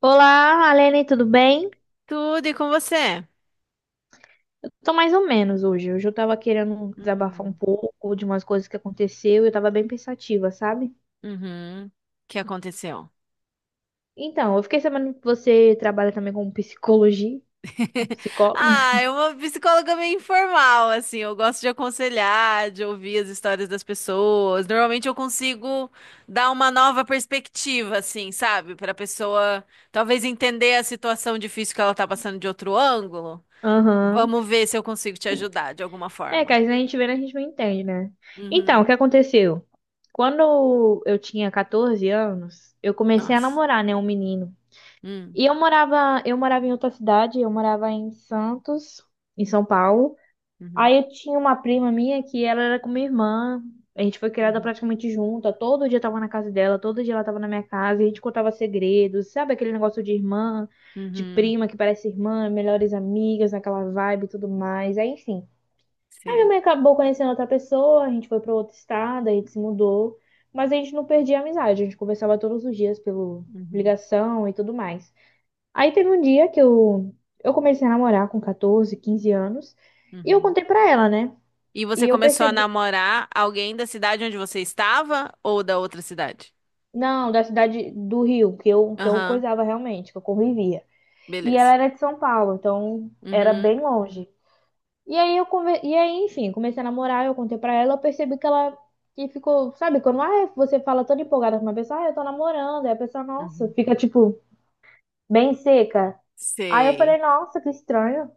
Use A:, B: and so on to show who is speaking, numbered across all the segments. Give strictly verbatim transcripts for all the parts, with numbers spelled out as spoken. A: Olá, Alene, tudo bem?
B: Tudo e com você?
A: Eu tô mais ou menos hoje. Hoje eu tava querendo desabafar um
B: Hum,
A: pouco de umas coisas que aconteceu e eu tava bem pensativa, sabe?
B: Uhum. O que aconteceu?
A: Então, eu fiquei sabendo que você trabalha também com psicologia, com psicóloga.
B: Ah, é uma psicóloga meio informal, assim. Eu gosto de aconselhar, de ouvir as histórias das pessoas. Normalmente eu consigo dar uma nova perspectiva, assim, sabe? Para a pessoa talvez entender a situação difícil que ela tá passando de outro ângulo.
A: Aham.
B: Vamos ver se eu consigo te ajudar de alguma
A: É, que
B: forma.
A: às vezes a gente vê, né, a gente não entende, né? Então,
B: Uhum.
A: o que aconteceu? Quando eu tinha catorze anos, eu comecei a
B: Nossa.
A: namorar, né, um menino.
B: Hum.
A: E eu morava, eu morava em outra cidade, eu morava em Santos, em São Paulo.
B: Uhum.
A: Aí eu tinha uma prima minha que ela era com minha irmã. A gente foi criada
B: Uhum.
A: praticamente junta. Todo dia eu tava na casa dela, todo dia ela tava na minha casa. E a gente contava segredos, sabe aquele negócio de irmã, de
B: Uhum.
A: prima que parece irmã, melhores amigas, aquela vibe e tudo mais. Aí, enfim. Aí minha
B: Sei.
A: mãe acabou conhecendo outra pessoa, a gente foi pra outro estado, a gente se mudou. Mas a gente não perdia a amizade, a gente conversava todos os dias pelo
B: Uhum.
A: ligação e tudo mais. Aí teve um dia que eu, eu comecei a namorar com catorze, quinze anos. E eu
B: Uhum.
A: contei pra ela, né?
B: E
A: E
B: você
A: eu
B: começou a
A: percebi.
B: namorar alguém da cidade onde você estava ou da outra cidade?
A: Não, da cidade do Rio, que eu, que eu
B: Aham,
A: coisava realmente, que eu convivia. E ela
B: beleza.
A: era de São Paulo, então era
B: Uhum,
A: bem longe. E aí eu conver... e aí, enfim, comecei a namorar, eu contei pra ela, eu percebi que ela que ficou, sabe, quando ah, você fala toda empolgada com uma pessoa, ah, eu tô namorando, aí a pessoa, nossa,
B: uhum.
A: fica tipo bem seca. Aí eu
B: Sei.
A: falei, nossa, que estranho,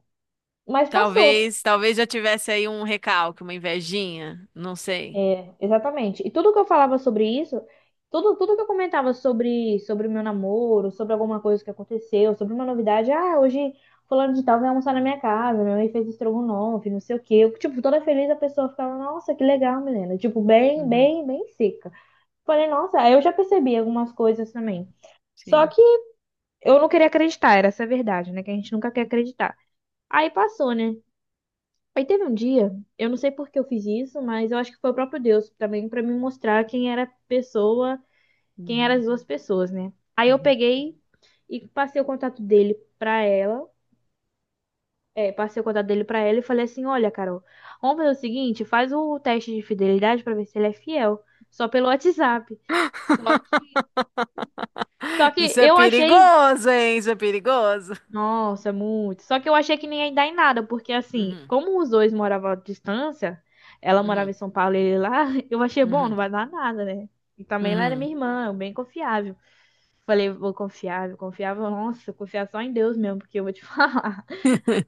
A: mas passou.
B: Talvez, talvez já tivesse aí um recalque, uma invejinha, não sei.
A: Exatamente. E tudo que eu falava sobre isso, tudo, tudo que eu comentava sobre sobre o meu namoro, sobre alguma coisa que aconteceu, sobre uma novidade, ah, hoje fulano de tal vai almoçar na minha casa, minha mãe fez estrogonofe, não sei o quê. Eu, tipo, toda feliz a pessoa ficava, nossa, que legal, menina. Tipo, bem,
B: Uhum,
A: bem, bem seca. Falei, nossa, aí eu já percebi algumas coisas também. Só
B: sim.
A: que eu não queria acreditar, era essa a verdade, né? Que a gente nunca quer acreditar. Aí passou, né? Aí teve um dia, eu não sei por que eu fiz isso, mas eu acho que foi o próprio Deus também pra me mostrar quem era a pessoa, quem eram
B: Uhum,
A: as duas pessoas, né? Aí eu
B: uhum.
A: peguei e passei o contato dele pra ela, é, passei o contato dele pra ela e falei assim: "Olha, Carol, vamos fazer o seguinte, faz o teste de fidelidade pra ver se ele é fiel, só pelo WhatsApp". Só, só que
B: Isso é
A: eu achei.
B: perigoso, hein? Isso é perigoso.
A: Nossa, muito. Só que eu achei que nem ia dar em nada, porque assim,
B: Uhum,
A: como os dois moravam à distância, ela morava em
B: uhum,
A: São Paulo e ele lá, eu achei bom, não
B: uhum,
A: vai dar nada, né? E também ela era
B: uhum.
A: minha irmã, eu bem confiável. Falei, vou confiar, vou confiar, nossa, confiar só em Deus mesmo, porque eu vou te falar.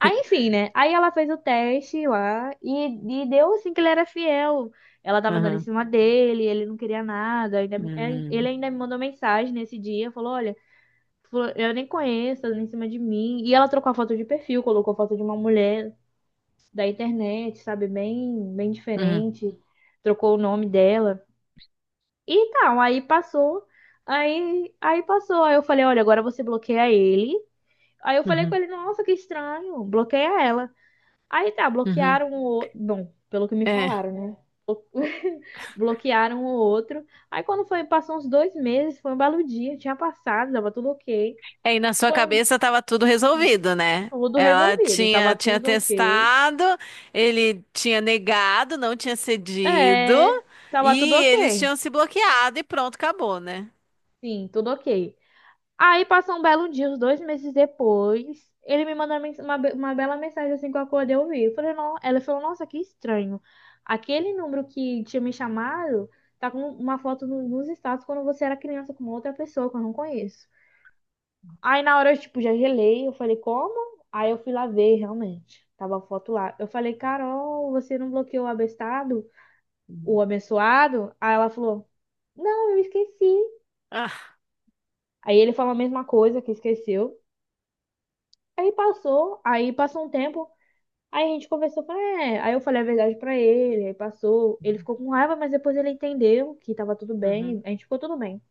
A: Aí, enfim, né? Aí ela fez o teste lá e, e deu assim que ele era fiel. Ela tava dando em
B: Aham,
A: cima dele, ele não queria nada. Ainda- é, ele
B: uhum,
A: ainda me mandou mensagem nesse dia, falou, olha. Falou, eu nem conheço, ela em cima de mim. E ela trocou a foto de perfil, colocou foto de uma mulher da internet, sabe? Bem, bem
B: uhum,
A: diferente. Trocou o nome dela. E tal, aí passou. Aí, aí passou. Aí eu falei, olha, agora você bloqueia ele. Aí eu falei com
B: uhum,
A: ele, nossa, que estranho. Bloqueia ela. Aí tá,
B: uhum.
A: bloquearam o. outro. Bom, pelo que me
B: É.
A: falaram, né? Bloquearam o outro. Aí quando foi, passou uns dois meses, foi um belo dia, tinha passado, tava tudo ok.
B: Aí na sua
A: Foi um
B: cabeça estava tudo resolvido, né?
A: Tudo
B: Ela
A: resolvido,
B: tinha,
A: tava
B: tinha
A: tudo ok.
B: testado, ele tinha negado, não tinha cedido,
A: É,
B: e
A: tava tudo
B: eles
A: ok.
B: tinham se bloqueado e pronto, acabou, né?
A: Sim, tudo ok. Aí passou um belo dia, uns dois meses depois, ele me mandou uma, mens- uma be- uma bela mensagem assim que eu acordei eu vi. Eu falei, não, ela falou, nossa, que estranho. Aquele número que tinha me chamado tá com uma foto no- nos status quando você era criança com outra pessoa que eu não conheço. Aí na hora eu, tipo, já gelei, eu falei, como? Aí eu fui lá ver, realmente. Tava a foto lá. Eu falei, Carol, você não bloqueou o abestado? O
B: Uhum.
A: abençoado, aí ela falou: não, eu esqueci.
B: Ah.
A: Aí ele falou a mesma coisa, que esqueceu. Aí passou, aí passou um tempo, aí a gente conversou, falei, é. Aí eu falei a verdade pra ele, aí passou. Ele ficou com raiva, mas depois ele entendeu que tava tudo bem,
B: Uhum,
A: a gente ficou tudo bem.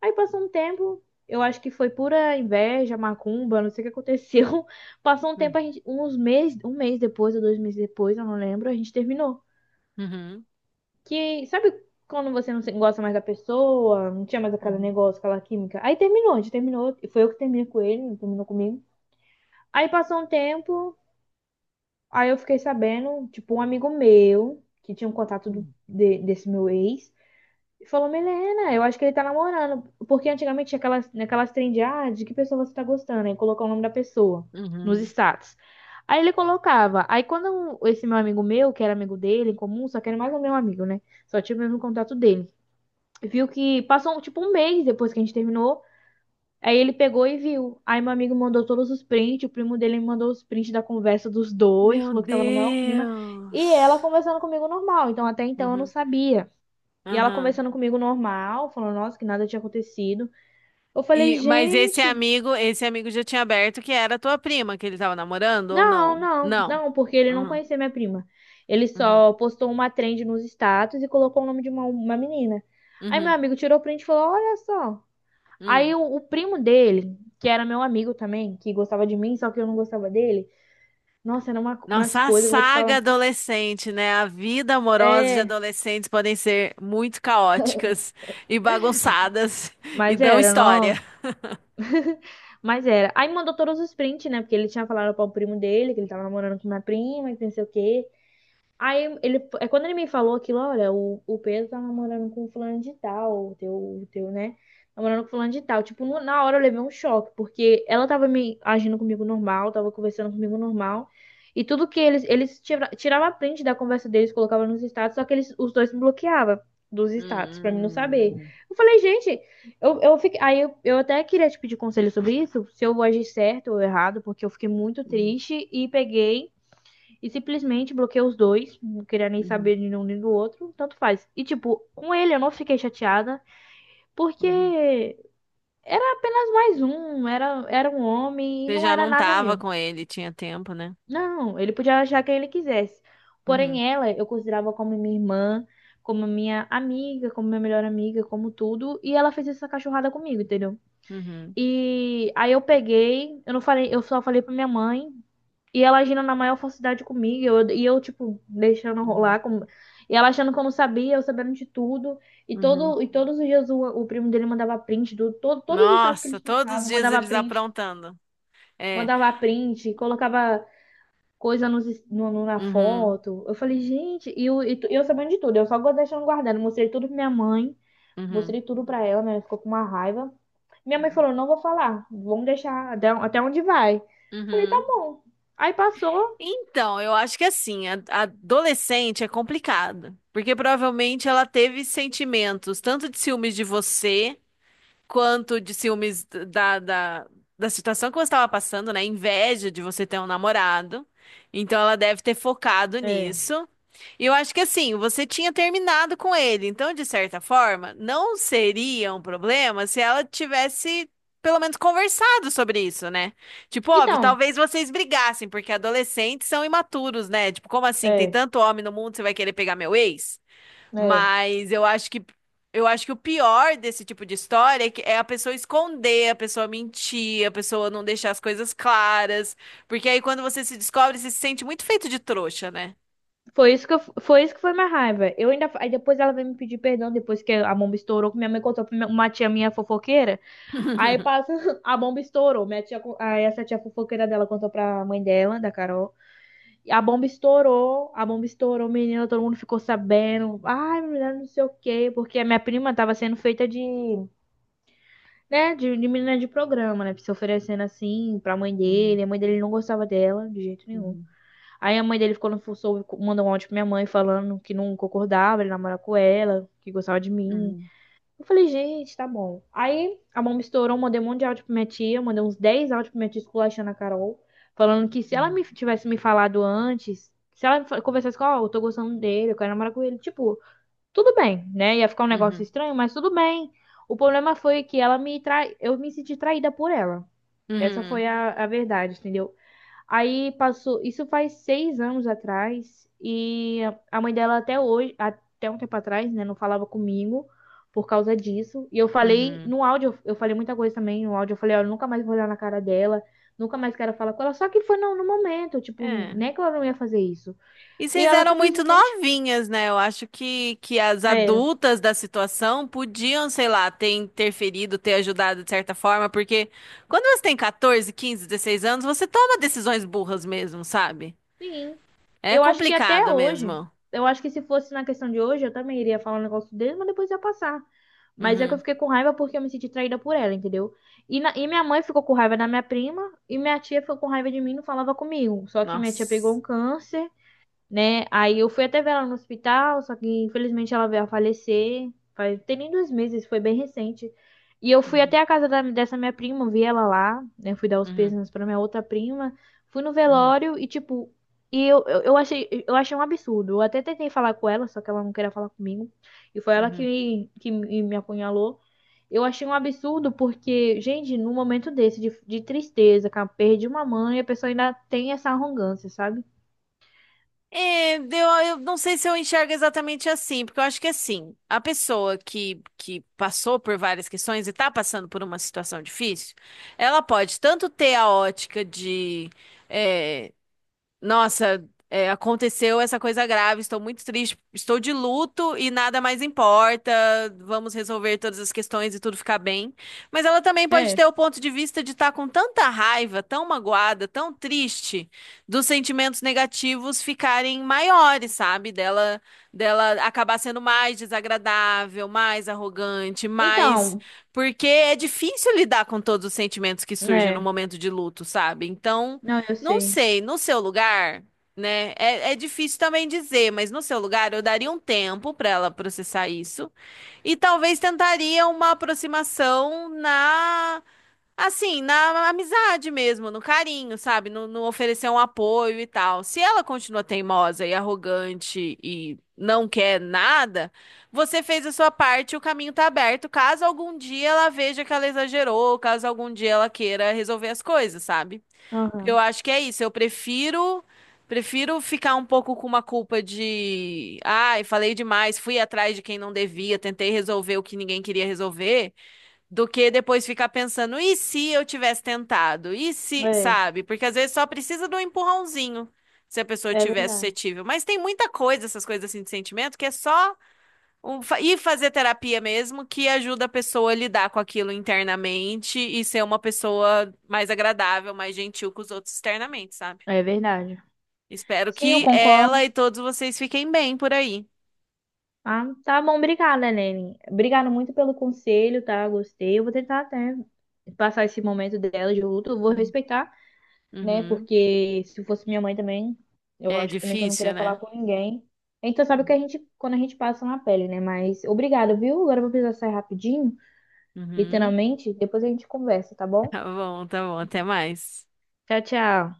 A: Aí passou um tempo, eu acho que foi pura inveja, macumba, não sei o que aconteceu. Passou um tempo,
B: uhum,
A: a gente, uns meses, um mês depois ou dois meses depois, eu não lembro, a gente terminou.
B: uhum,
A: Que, sabe quando você não se- gosta mais da pessoa, não tinha mais aquele
B: uhum,
A: negócio, aquela química? Aí terminou, a gente terminou, e foi eu que terminei com ele, não terminou comigo. Aí passou um tempo, aí eu fiquei sabendo, tipo, um amigo meu, que tinha um contato do-
B: uhum,
A: de- desse meu ex, falou, Milena, eu acho que ele tá namorando, porque antigamente tinha aquelas, aquelas trend, de, ah, de que pessoa você tá gostando, aí colocar o nome da pessoa nos
B: uhum.
A: status. Aí ele colocava. Aí quando esse meu amigo meu, que era amigo dele em comum, só que era mais o meu amigo, né? Só tinha o mesmo contato dele, viu que passou tipo um mês depois que a gente terminou. Aí ele pegou e viu. Aí meu amigo mandou todos os prints, o primo dele me mandou os prints da conversa dos dois,
B: Meu
A: falou que tava no maior clima. E ela
B: Deus.
A: conversando comigo normal, então até então eu não
B: Uhum,
A: sabia. E ela
B: uhum.
A: conversando comigo normal, falando, nossa, que nada tinha acontecido. Eu falei,
B: E, mas esse
A: gente,
B: amigo, esse amigo já tinha aberto que era tua prima que ele tava namorando ou
A: não,
B: não?
A: não,
B: Não.
A: não, porque ele não
B: Uhum,
A: conhecia minha prima. Ele
B: uhum,
A: só postou uma trend nos status e colocou o nome de uma, uma menina. Aí meu
B: uhum,
A: amigo tirou o print e falou, olha só. Aí
B: uhum.
A: o, o primo dele, que era meu amigo também, que gostava de mim, só que eu não gostava dele. Nossa, era uma, umas
B: Nossa, a
A: coisas que eu vou te
B: saga
A: falar.
B: adolescente, né? A vida amorosa de
A: É,
B: adolescentes podem ser muito caóticas e bagunçadas e
A: mas
B: dão
A: era,
B: história.
A: nossa. Mas era. Aí mandou todos os prints, né? Porque ele tinha falado para o primo dele, que ele tava namorando com minha prima, que não sei o quê. Aí ele, é quando ele me falou aquilo, olha, o, o Pedro tá namorando com fulano de tal, o teu, o teu, né? Namorando com fulano de tal. Tipo, no- na hora eu levei um choque, porque ela tava me agindo comigo normal, tava conversando comigo normal. E tudo que eles, eles tira, tirava print da conversa deles, colocava nos status, só que eles, os dois me bloqueavam dos status, pra mim não saber.
B: Hum,
A: Eu falei, gente, eu, eu fiquei, aí eu, eu até queria te pedir conselho sobre isso, se eu agi certo ou errado, porque eu fiquei muito
B: uhum,
A: triste e peguei. E simplesmente bloqueei os dois, não queria nem
B: uhum,
A: saber de um nem do outro, tanto faz. E tipo, com ele eu não fiquei chateada, porque
B: uhum.
A: era apenas mais um, era, era um homem e
B: Você
A: não
B: já
A: era
B: não
A: nada
B: tava
A: meu.
B: com ele, tinha tempo, né?
A: Não, ele podia achar quem ele quisesse.
B: Uhum,
A: Porém, ela eu considerava como minha irmã, como minha amiga, como minha melhor amiga, como tudo, e ela fez essa cachorrada comigo, entendeu?
B: uhum,
A: E aí eu peguei, eu não falei, eu só falei pra minha mãe. E ela agindo na maior falsidade comigo, eu- e eu, tipo, deixando
B: uhum,
A: rolar, como, e ela achando que eu não sabia, eu sabendo de tudo. E,
B: uhum.
A: todo, e todos os dias o, o primo dele mandava print, do, todo, todos os estados que eles
B: Nossa, todos os
A: postavam,
B: dias
A: mandava
B: eles
A: print,
B: aprontando. É.
A: mandava print, colocava coisa nos, es- no- no- na
B: Uhum,
A: foto. Eu falei, gente, e, o- e tu- eu sabendo de tudo, eu só go- deixando guardando. Mostrei tudo pra minha mãe,
B: uhum,
A: mostrei tudo pra ela, né? Ela ficou com uma raiva. Minha mãe falou, não vou falar, vamos deixar até até onde vai. Eu falei, tá
B: uhum.
A: bom. Aí passou.
B: Então, eu acho que assim, a a adolescente é complicado, porque provavelmente ela teve sentimentos tanto de ciúmes de você, quanto de ciúmes da, da, da situação que você estava passando, né? Inveja de você ter um namorado. Então ela deve ter focado
A: É.
B: nisso. E eu acho que assim, você tinha terminado com ele. Então, de certa forma, não seria um problema se ela tivesse. Pelo menos conversado sobre isso, né? Tipo, óbvio,
A: Então,
B: talvez vocês brigassem, porque adolescentes são imaturos, né? Tipo, como assim? Tem
A: é,
B: tanto homem no mundo, você vai querer pegar meu ex?
A: é.
B: Mas eu acho que eu acho que o pior desse tipo de história é que é a pessoa esconder, a pessoa mentir, a pessoa não deixar as coisas claras, porque aí quando você se descobre, você se sente muito feito de trouxa, né?
A: Foi isso que eu, foi isso que foi minha raiva. Eu ainda, aí depois ela veio me pedir perdão depois que a bomba estourou, que minha mãe contou pra minha- uma tia minha fofoqueira. Aí passa, a bomba estourou. Minha tia, co-, aí essa tia fofoqueira dela contou pra mãe dela, da Carol. E a bomba estourou, a bomba estourou, menina, todo mundo ficou sabendo. Ai, menina, não sei o quê, porque a minha prima tava sendo feita de, né, de, de menina de programa, né, se oferecendo assim pra mãe
B: Uhum,
A: dele. A mãe dele não gostava dela de jeito nenhum.
B: uhum,
A: Aí a mãe dele ficou no soube, mandou um áudio pra minha mãe falando que não concordava, ele namorava com ela, que gostava de mim.
B: uhum,
A: Eu falei, gente, tá bom. Aí a mão me estourou, mandei um monte de áudio pra minha tia, mandei uns dez áudios pra minha tia esculachando a Carol, falando que se ela me tivesse me falado antes, se ela conversasse com, ó, oh, eu tô gostando dele, eu quero namorar com ele, tipo, tudo bem, né? Ia ficar um negócio
B: uhum,
A: estranho, mas tudo bem. O problema foi que ela me trai, eu me senti traída por ela. Essa
B: uhum,
A: foi a, a verdade, entendeu? Aí passou, isso faz seis anos atrás, e a mãe dela até hoje, até um tempo atrás, né, não falava comigo por causa disso. E eu
B: uhum,
A: falei
B: uhum.
A: no áudio, eu falei muita coisa também no áudio, eu falei, olha, eu nunca mais vou olhar na cara dela, nunca mais quero falar com ela. Só que foi no, no momento, tipo,
B: É.
A: nem que ela não ia fazer isso.
B: E
A: E
B: vocês
A: ela
B: eram muito
A: simplesmente
B: novinhas, né? Eu acho que, que as
A: era.
B: adultas da situação podiam, sei lá, ter interferido, ter ajudado de certa forma, porque quando você tem catorze, quinze, dezesseis anos, você toma decisões burras mesmo, sabe?
A: Sim,
B: É
A: eu acho que até
B: complicado
A: hoje,
B: mesmo.
A: eu acho que se fosse na questão de hoje, eu também iria falar um negócio dele, mas depois ia passar. Mas é que eu
B: Uhum.
A: fiquei com raiva porque eu me senti traída por ela, entendeu? E, na- e minha mãe ficou com raiva da minha prima, e minha tia ficou com raiva de mim e não falava comigo. Só que minha tia pegou
B: Nossa.
A: um câncer, né? Aí eu fui até ver ela no hospital, só que infelizmente ela veio a falecer. Faz, tem nem dois meses, foi bem recente. E eu fui
B: Uhum.
A: até a casa da- dessa minha prima, vi ela lá, né? Fui dar os
B: Uhum.
A: pêsames pra minha outra prima. Fui no
B: Uhum.
A: velório e, tipo, e eu, eu, eu achei, eu achei um absurdo. Eu até tentei falar com ela, só que ela não queria falar comigo. E foi ela
B: Uhum.
A: que, que me me apunhalou. Eu achei um absurdo porque, gente, num momento desse de, de, tristeza, com a perda de uma mãe, a pessoa ainda tem essa arrogância, sabe?
B: É, eu, eu não sei se eu enxergo exatamente assim, porque eu acho que assim, a pessoa que, que passou por várias questões e tá passando por uma situação difícil, ela pode tanto ter a ótica de, eh, nossa, é, aconteceu essa coisa grave, estou muito triste, estou de luto e nada mais importa. Vamos resolver todas as questões e tudo ficar bem. Mas ela também pode ter o ponto de vista de estar com tanta raiva, tão magoada, tão triste, dos sentimentos negativos ficarem maiores, sabe? Dela, dela acabar sendo mais desagradável, mais arrogante, mais.
A: Então,
B: Porque é difícil lidar com todos os sentimentos que surgem no
A: é.
B: momento de luto, sabe? Então.
A: Não, eu
B: Não
A: sei.
B: sei, no seu lugar, né? É, é difícil também dizer, mas no seu lugar eu daria um tempo para ela processar isso e talvez tentaria uma aproximação na, assim, na amizade mesmo, no carinho, sabe? No, no oferecer um apoio e tal. Se ela continua teimosa e arrogante e não quer nada, você fez a sua parte, o caminho tá aberto, caso algum dia ela veja que ela exagerou, caso algum dia ela queira resolver as coisas, sabe? Porque eu
A: Aham.
B: acho que é isso. Eu prefiro prefiro ficar um pouco com uma culpa de, ai, falei demais, fui atrás de quem não devia, tentei resolver o que ninguém queria resolver, do que depois ficar pensando, e se eu tivesse tentado? E se,
A: É,
B: sabe? Porque às vezes só precisa de um empurrãozinho, se a pessoa
A: é
B: tiver
A: verdade.
B: suscetível. Mas tem muita coisa, essas coisas assim de sentimento, que é só um, fa- e fazer terapia mesmo, que ajuda a pessoa a lidar com aquilo internamente e ser uma pessoa mais agradável, mais gentil com os outros externamente, sabe?
A: É verdade.
B: Espero
A: Sim, eu
B: que ela
A: concordo.
B: e todos vocês fiquem bem por aí.
A: Ah, tá bom, obrigada, Helene. Obrigada muito pelo conselho, tá? Gostei. Eu vou tentar até passar esse momento dela de luto. Eu vou
B: Hum.
A: respeitar, né?
B: Uhum.
A: Porque se fosse minha mãe também, eu
B: É
A: acho que também que eu não
B: difícil,
A: queria falar
B: né?
A: com ninguém. Então, sabe que a gente, quando a gente passa na pele, né? Mas obrigada, viu? Agora eu vou precisar sair rapidinho,
B: Uhum.
A: literalmente. Depois a gente conversa, tá bom?
B: Tá bom, tá bom. Até mais.
A: Tchau, tchau.